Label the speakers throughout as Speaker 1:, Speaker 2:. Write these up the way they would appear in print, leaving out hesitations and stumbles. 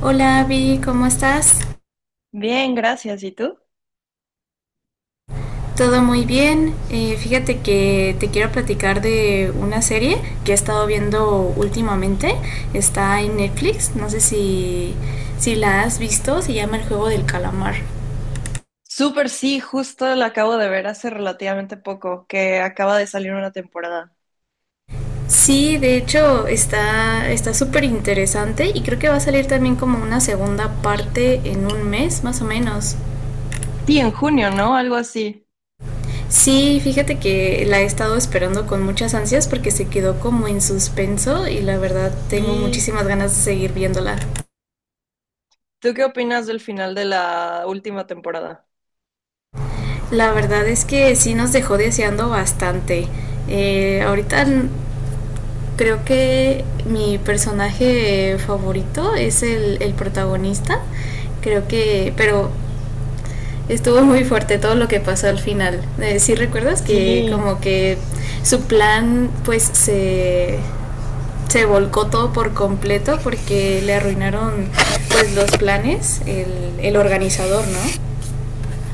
Speaker 1: Hola Abby, ¿cómo estás?
Speaker 2: Bien, gracias. ¿Y tú?
Speaker 1: Todo muy bien. Fíjate que te quiero platicar de una serie que he estado viendo últimamente. Está en Netflix. No sé si la has visto. Se llama El Juego del Calamar.
Speaker 2: Súper, sí, justo la acabo de ver hace relativamente poco, que acaba de salir una temporada.
Speaker 1: Sí, de hecho está súper interesante y creo que va a salir también como una segunda parte en un mes más o menos.
Speaker 2: Sí, en junio, ¿no? Algo así.
Speaker 1: Sí, fíjate que la he estado esperando con muchas ansias porque se quedó como en suspenso y la verdad tengo
Speaker 2: Sí.
Speaker 1: muchísimas ganas de seguir viéndola.
Speaker 2: ¿Tú qué opinas del final de la última temporada?
Speaker 1: La verdad es que sí nos dejó deseando bastante. Eh, ahorita n- Creo que mi personaje favorito es el protagonista. Creo que, pero estuvo muy fuerte todo lo que pasó al final. Sí recuerdas que
Speaker 2: Sí,
Speaker 1: como que su plan pues se volcó todo por completo porque le arruinaron pues los planes, el organizador, ¿no?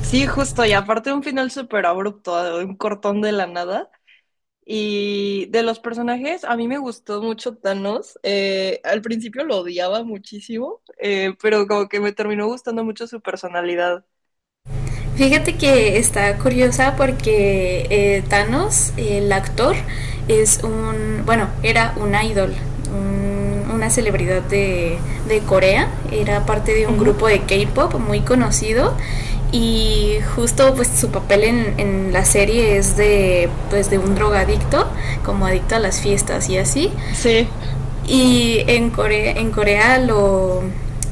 Speaker 2: sí, justo. Y aparte un final súper abrupto, un cortón de la nada. Y de los personajes, a mí me gustó mucho Thanos. Al principio lo odiaba muchísimo, pero como que me terminó gustando mucho su personalidad.
Speaker 1: Fíjate que está curiosa porque Thanos, el actor, es un, bueno, era un idol, un- una celebridad de Corea, era parte de un
Speaker 2: Ujú.
Speaker 1: grupo de K-Pop muy conocido. Y justo pues su papel en la serie es de pues de un drogadicto, como adicto a las fiestas y así.
Speaker 2: Sí.
Speaker 1: Y en Corea, en Corea lo,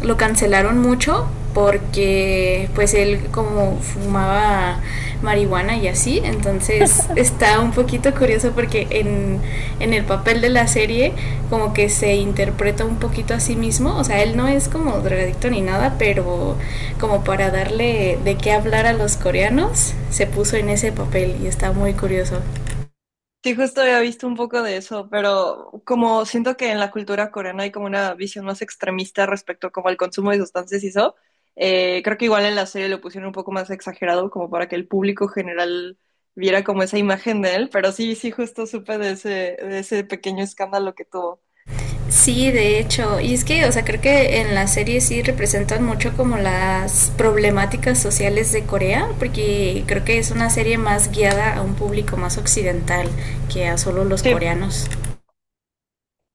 Speaker 1: lo cancelaron mucho porque pues él como fumaba marihuana y así. Entonces está un poquito curioso porque en el papel de la serie como que se interpreta un poquito a sí mismo, o sea, él no es como drogadicto ni nada, pero como para darle de qué hablar a los coreanos, se puso en ese papel y está muy curioso.
Speaker 2: Sí, justo había visto un poco de eso, pero como siento que en la cultura coreana hay como una visión más extremista respecto como al consumo de sustancias y eso, creo que igual en la serie lo pusieron un poco más exagerado como para que el público general viera como esa imagen de él, pero sí, sí, justo supe de ese pequeño escándalo que tuvo.
Speaker 1: Sí, de hecho, y es que, o sea, creo que en la serie sí representan mucho como las problemáticas sociales de Corea, porque creo que es una serie más guiada a un público más occidental que a solo los
Speaker 2: Sí,
Speaker 1: coreanos.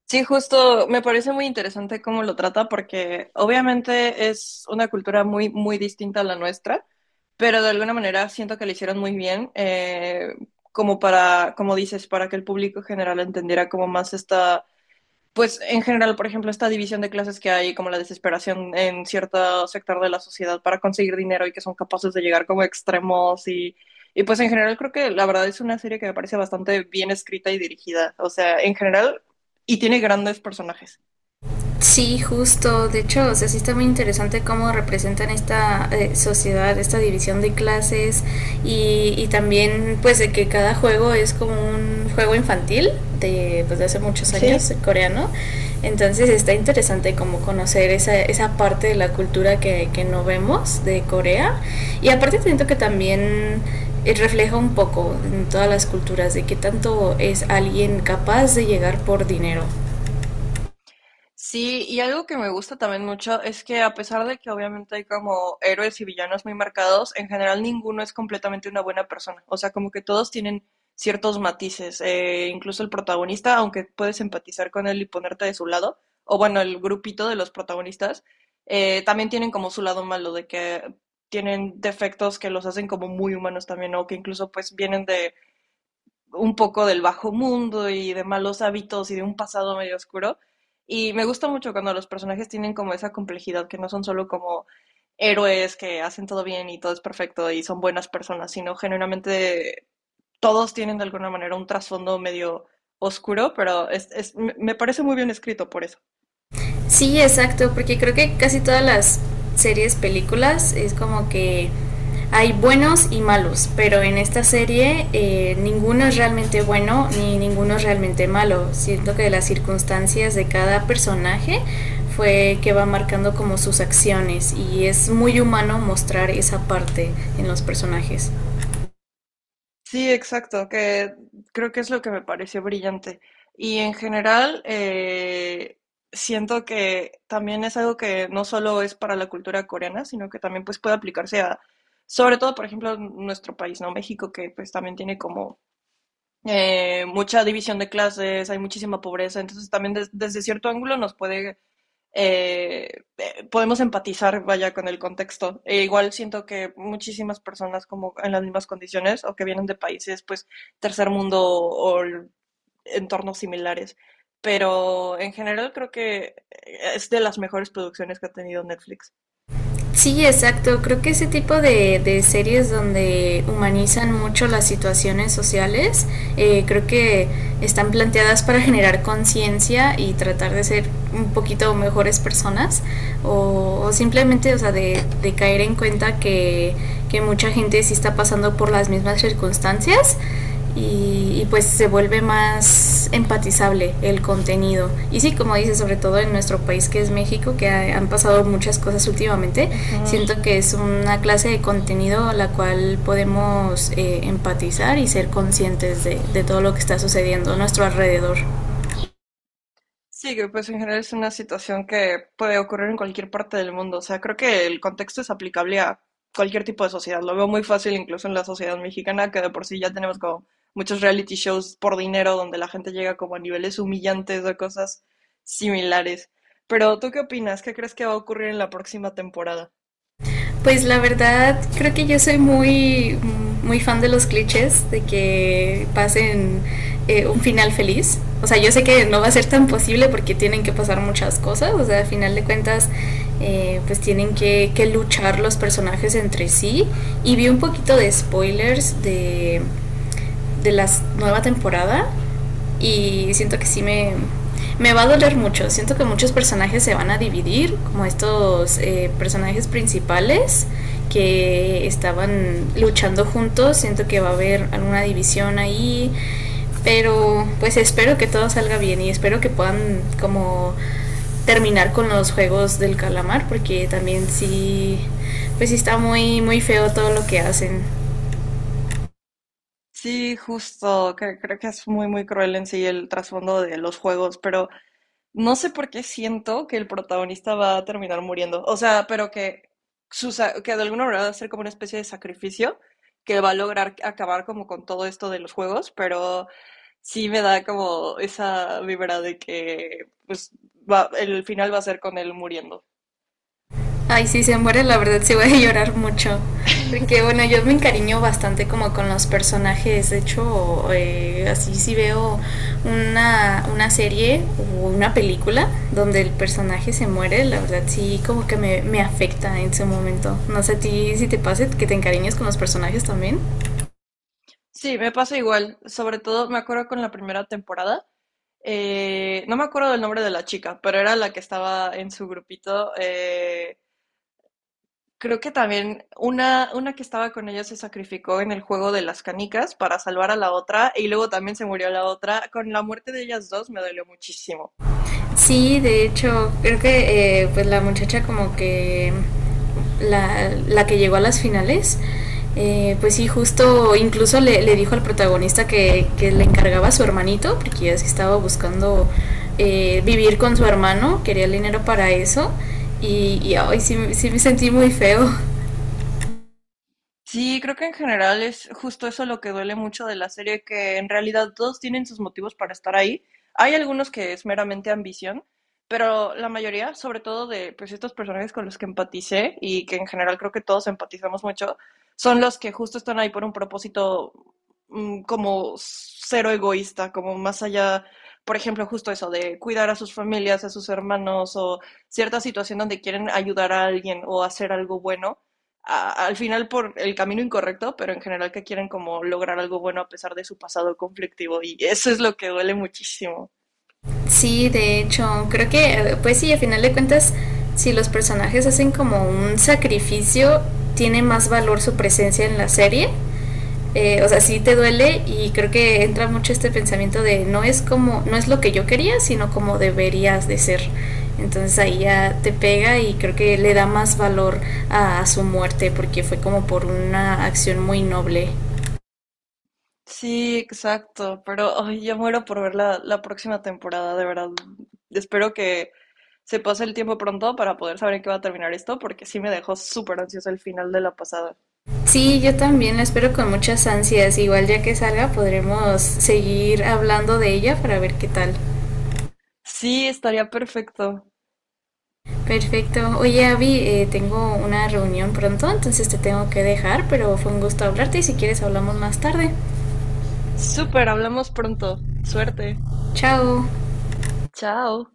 Speaker 2: sí, justo me parece muy interesante cómo lo trata porque obviamente es una cultura muy, muy distinta a la nuestra, pero de alguna manera siento que lo hicieron muy bien, como para, como dices, para que el público en general entendiera como más esta, pues en general, por ejemplo, esta división de clases que hay, como la desesperación en cierto sector de la sociedad para conseguir dinero y que son capaces de llegar como extremos y pues en general creo que la verdad es una serie que me parece bastante bien escrita y dirigida, o sea, en general, y tiene grandes personajes.
Speaker 1: Sí, justo. De hecho, o sea, sí está muy interesante cómo representan esta sociedad, esta división de clases y también pues de que cada juego es como un juego infantil de, pues, de hace muchos
Speaker 2: Sí.
Speaker 1: años, coreano. Entonces está interesante como conocer esa, esa parte de la cultura que no vemos de Corea. Y aparte siento que también refleja un poco en todas las culturas de qué tanto es alguien capaz de llegar por dinero.
Speaker 2: Sí, y algo que me gusta también mucho es que a pesar de que obviamente hay como héroes y villanos muy marcados, en general ninguno es completamente una buena persona. O sea, como que todos tienen ciertos matices. Incluso el protagonista, aunque puedes empatizar con él y ponerte de su lado, o bueno, el grupito de los protagonistas, también tienen como su lado malo, de que tienen defectos que los hacen como muy humanos también, o que incluso pues vienen de un poco del bajo mundo y de malos hábitos y de un pasado medio oscuro. Y me gusta mucho cuando los personajes tienen como esa complejidad, que no son solo como héroes que hacen todo bien y todo es perfecto y son buenas personas, sino genuinamente todos tienen de alguna manera un trasfondo medio oscuro, pero me parece muy bien escrito por eso.
Speaker 1: Sí, exacto, porque creo que casi todas las series, películas, es como que hay buenos y malos, pero en esta serie ninguno es realmente bueno ni ninguno es realmente malo. Siento que las circunstancias de cada personaje fue que va marcando como sus acciones y es muy humano mostrar esa parte en los personajes.
Speaker 2: Sí, exacto, que creo que es lo que me pareció brillante. Y en general, siento que también es algo que no solo es para la cultura coreana, sino que también pues puede aplicarse a, sobre todo, por ejemplo, nuestro país, ¿no? México, que pues también tiene como mucha división de clases, hay muchísima pobreza, entonces también desde cierto ángulo nos puede eh, podemos empatizar, vaya, con el contexto. E igual siento que muchísimas personas como en las mismas condiciones o que vienen de países, pues, tercer mundo o entornos similares. Pero en general creo que es de las mejores producciones que ha tenido Netflix.
Speaker 1: Sí, exacto. Creo que ese tipo de series donde humanizan mucho las situaciones sociales, creo que están planteadas para generar conciencia y tratar de ser un poquito mejores personas o simplemente, o sea, de caer en cuenta que mucha gente sí está pasando por las mismas circunstancias y, pues se vuelve más empatizable el contenido. Y sí, como dice, sobre todo en nuestro país que es México, que han pasado muchas cosas últimamente,
Speaker 2: Ujú.
Speaker 1: siento que es una clase de contenido a la cual podemos empatizar y ser conscientes de todo lo que está sucediendo a nuestro alrededor.
Speaker 2: Sí, que pues en general es una situación que puede ocurrir en cualquier parte del mundo. O sea, creo que el contexto es aplicable a cualquier tipo de sociedad. Lo veo muy fácil incluso en la sociedad mexicana, que de por sí ya tenemos como muchos reality shows por dinero donde la gente llega como a niveles humillantes o cosas similares. Pero ¿tú qué opinas? ¿Qué crees que va a ocurrir en la próxima temporada?
Speaker 1: Pues la verdad, creo que yo soy muy, muy fan de los clichés, de que pasen un final feliz. O sea, yo sé que no va a ser tan posible porque tienen que pasar muchas cosas. O sea, al final de cuentas, pues tienen que luchar los personajes entre sí. Y vi un poquito de spoilers de la nueva temporada y siento que sí me va a doler mucho. Siento que muchos personajes se van a dividir, como estos personajes principales que estaban luchando juntos. Siento que va a haber alguna división ahí. Pero pues espero que todo salga bien y espero que puedan como terminar con los juegos del calamar porque también sí pues sí está muy muy feo todo lo que hacen.
Speaker 2: Sí, justo, que creo que es muy, muy cruel en sí el trasfondo de los juegos, pero no sé por qué siento que el protagonista va a terminar muriendo. O sea, pero que, que de alguna manera va a ser como una especie de sacrificio que va a lograr acabar como con todo esto de los juegos, pero sí me da como esa vibra de que pues va, el final va a ser con él muriendo.
Speaker 1: Ay, si se muere, la verdad sí voy a llorar mucho. Porque bueno, yo me encariño bastante como con los personajes. De hecho, así si veo una serie o una película donde el personaje se muere, la verdad sí como que me afecta en su momento. No sé a ti si te pasa que te encariñes con los personajes también.
Speaker 2: Sí, me pasa igual. Sobre todo me acuerdo con la primera temporada. No me acuerdo del nombre de la chica, pero era la que estaba en su grupito. Creo que también una que estaba con ella se sacrificó en el juego de las canicas para salvar a la otra y luego también se murió la otra. Con la muerte de ellas dos me dolió muchísimo.
Speaker 1: Sí, de hecho, creo que pues la muchacha como que la que llegó a las finales, pues sí, justo incluso le dijo al protagonista que le encargaba a su hermanito, porque ya es que estaba buscando vivir con su hermano, quería el dinero para eso, y ay, sí, sí me sentí muy feo.
Speaker 2: Sí, creo que en general es justo eso lo que duele mucho de la serie, que en realidad todos tienen sus motivos para estar ahí. Hay algunos que es meramente ambición, pero la mayoría, sobre todo de pues, estos personajes con los que empaticé y que en general creo que todos empatizamos mucho, son los que justo están ahí por un propósito como cero egoísta, como más allá, por ejemplo, justo eso de cuidar a sus familias, a sus hermanos o cierta situación donde quieren ayudar a alguien o hacer algo bueno al final por el camino incorrecto, pero en general que quieren como lograr algo bueno a pesar de su pasado conflictivo y eso es lo que duele muchísimo.
Speaker 1: Sí, de hecho, creo que, pues sí, a final de cuentas, si los personajes hacen como un sacrificio, tiene más valor su presencia en la serie. O sea, sí te duele y creo que entra mucho este pensamiento de no es como, no es lo que yo quería, sino como deberías de ser. Entonces ahí ya te pega y creo que le da más valor a su muerte porque fue como por una acción muy noble.
Speaker 2: Sí, exacto, pero ay, yo muero por ver la próxima temporada, de verdad. Espero que se pase el tiempo pronto para poder saber en qué va a terminar esto, porque sí me dejó súper ansiosa el final de la pasada.
Speaker 1: Sí, yo también la espero con muchas ansias. Igual ya que salga podremos seguir hablando de ella para ver qué tal.
Speaker 2: Sí, estaría perfecto.
Speaker 1: Perfecto. Oye, Abby, tengo una reunión pronto, entonces te tengo que dejar, pero fue un gusto hablarte y si quieres hablamos más tarde.
Speaker 2: Súper, hablamos pronto. Suerte.
Speaker 1: Chao.
Speaker 2: Chao.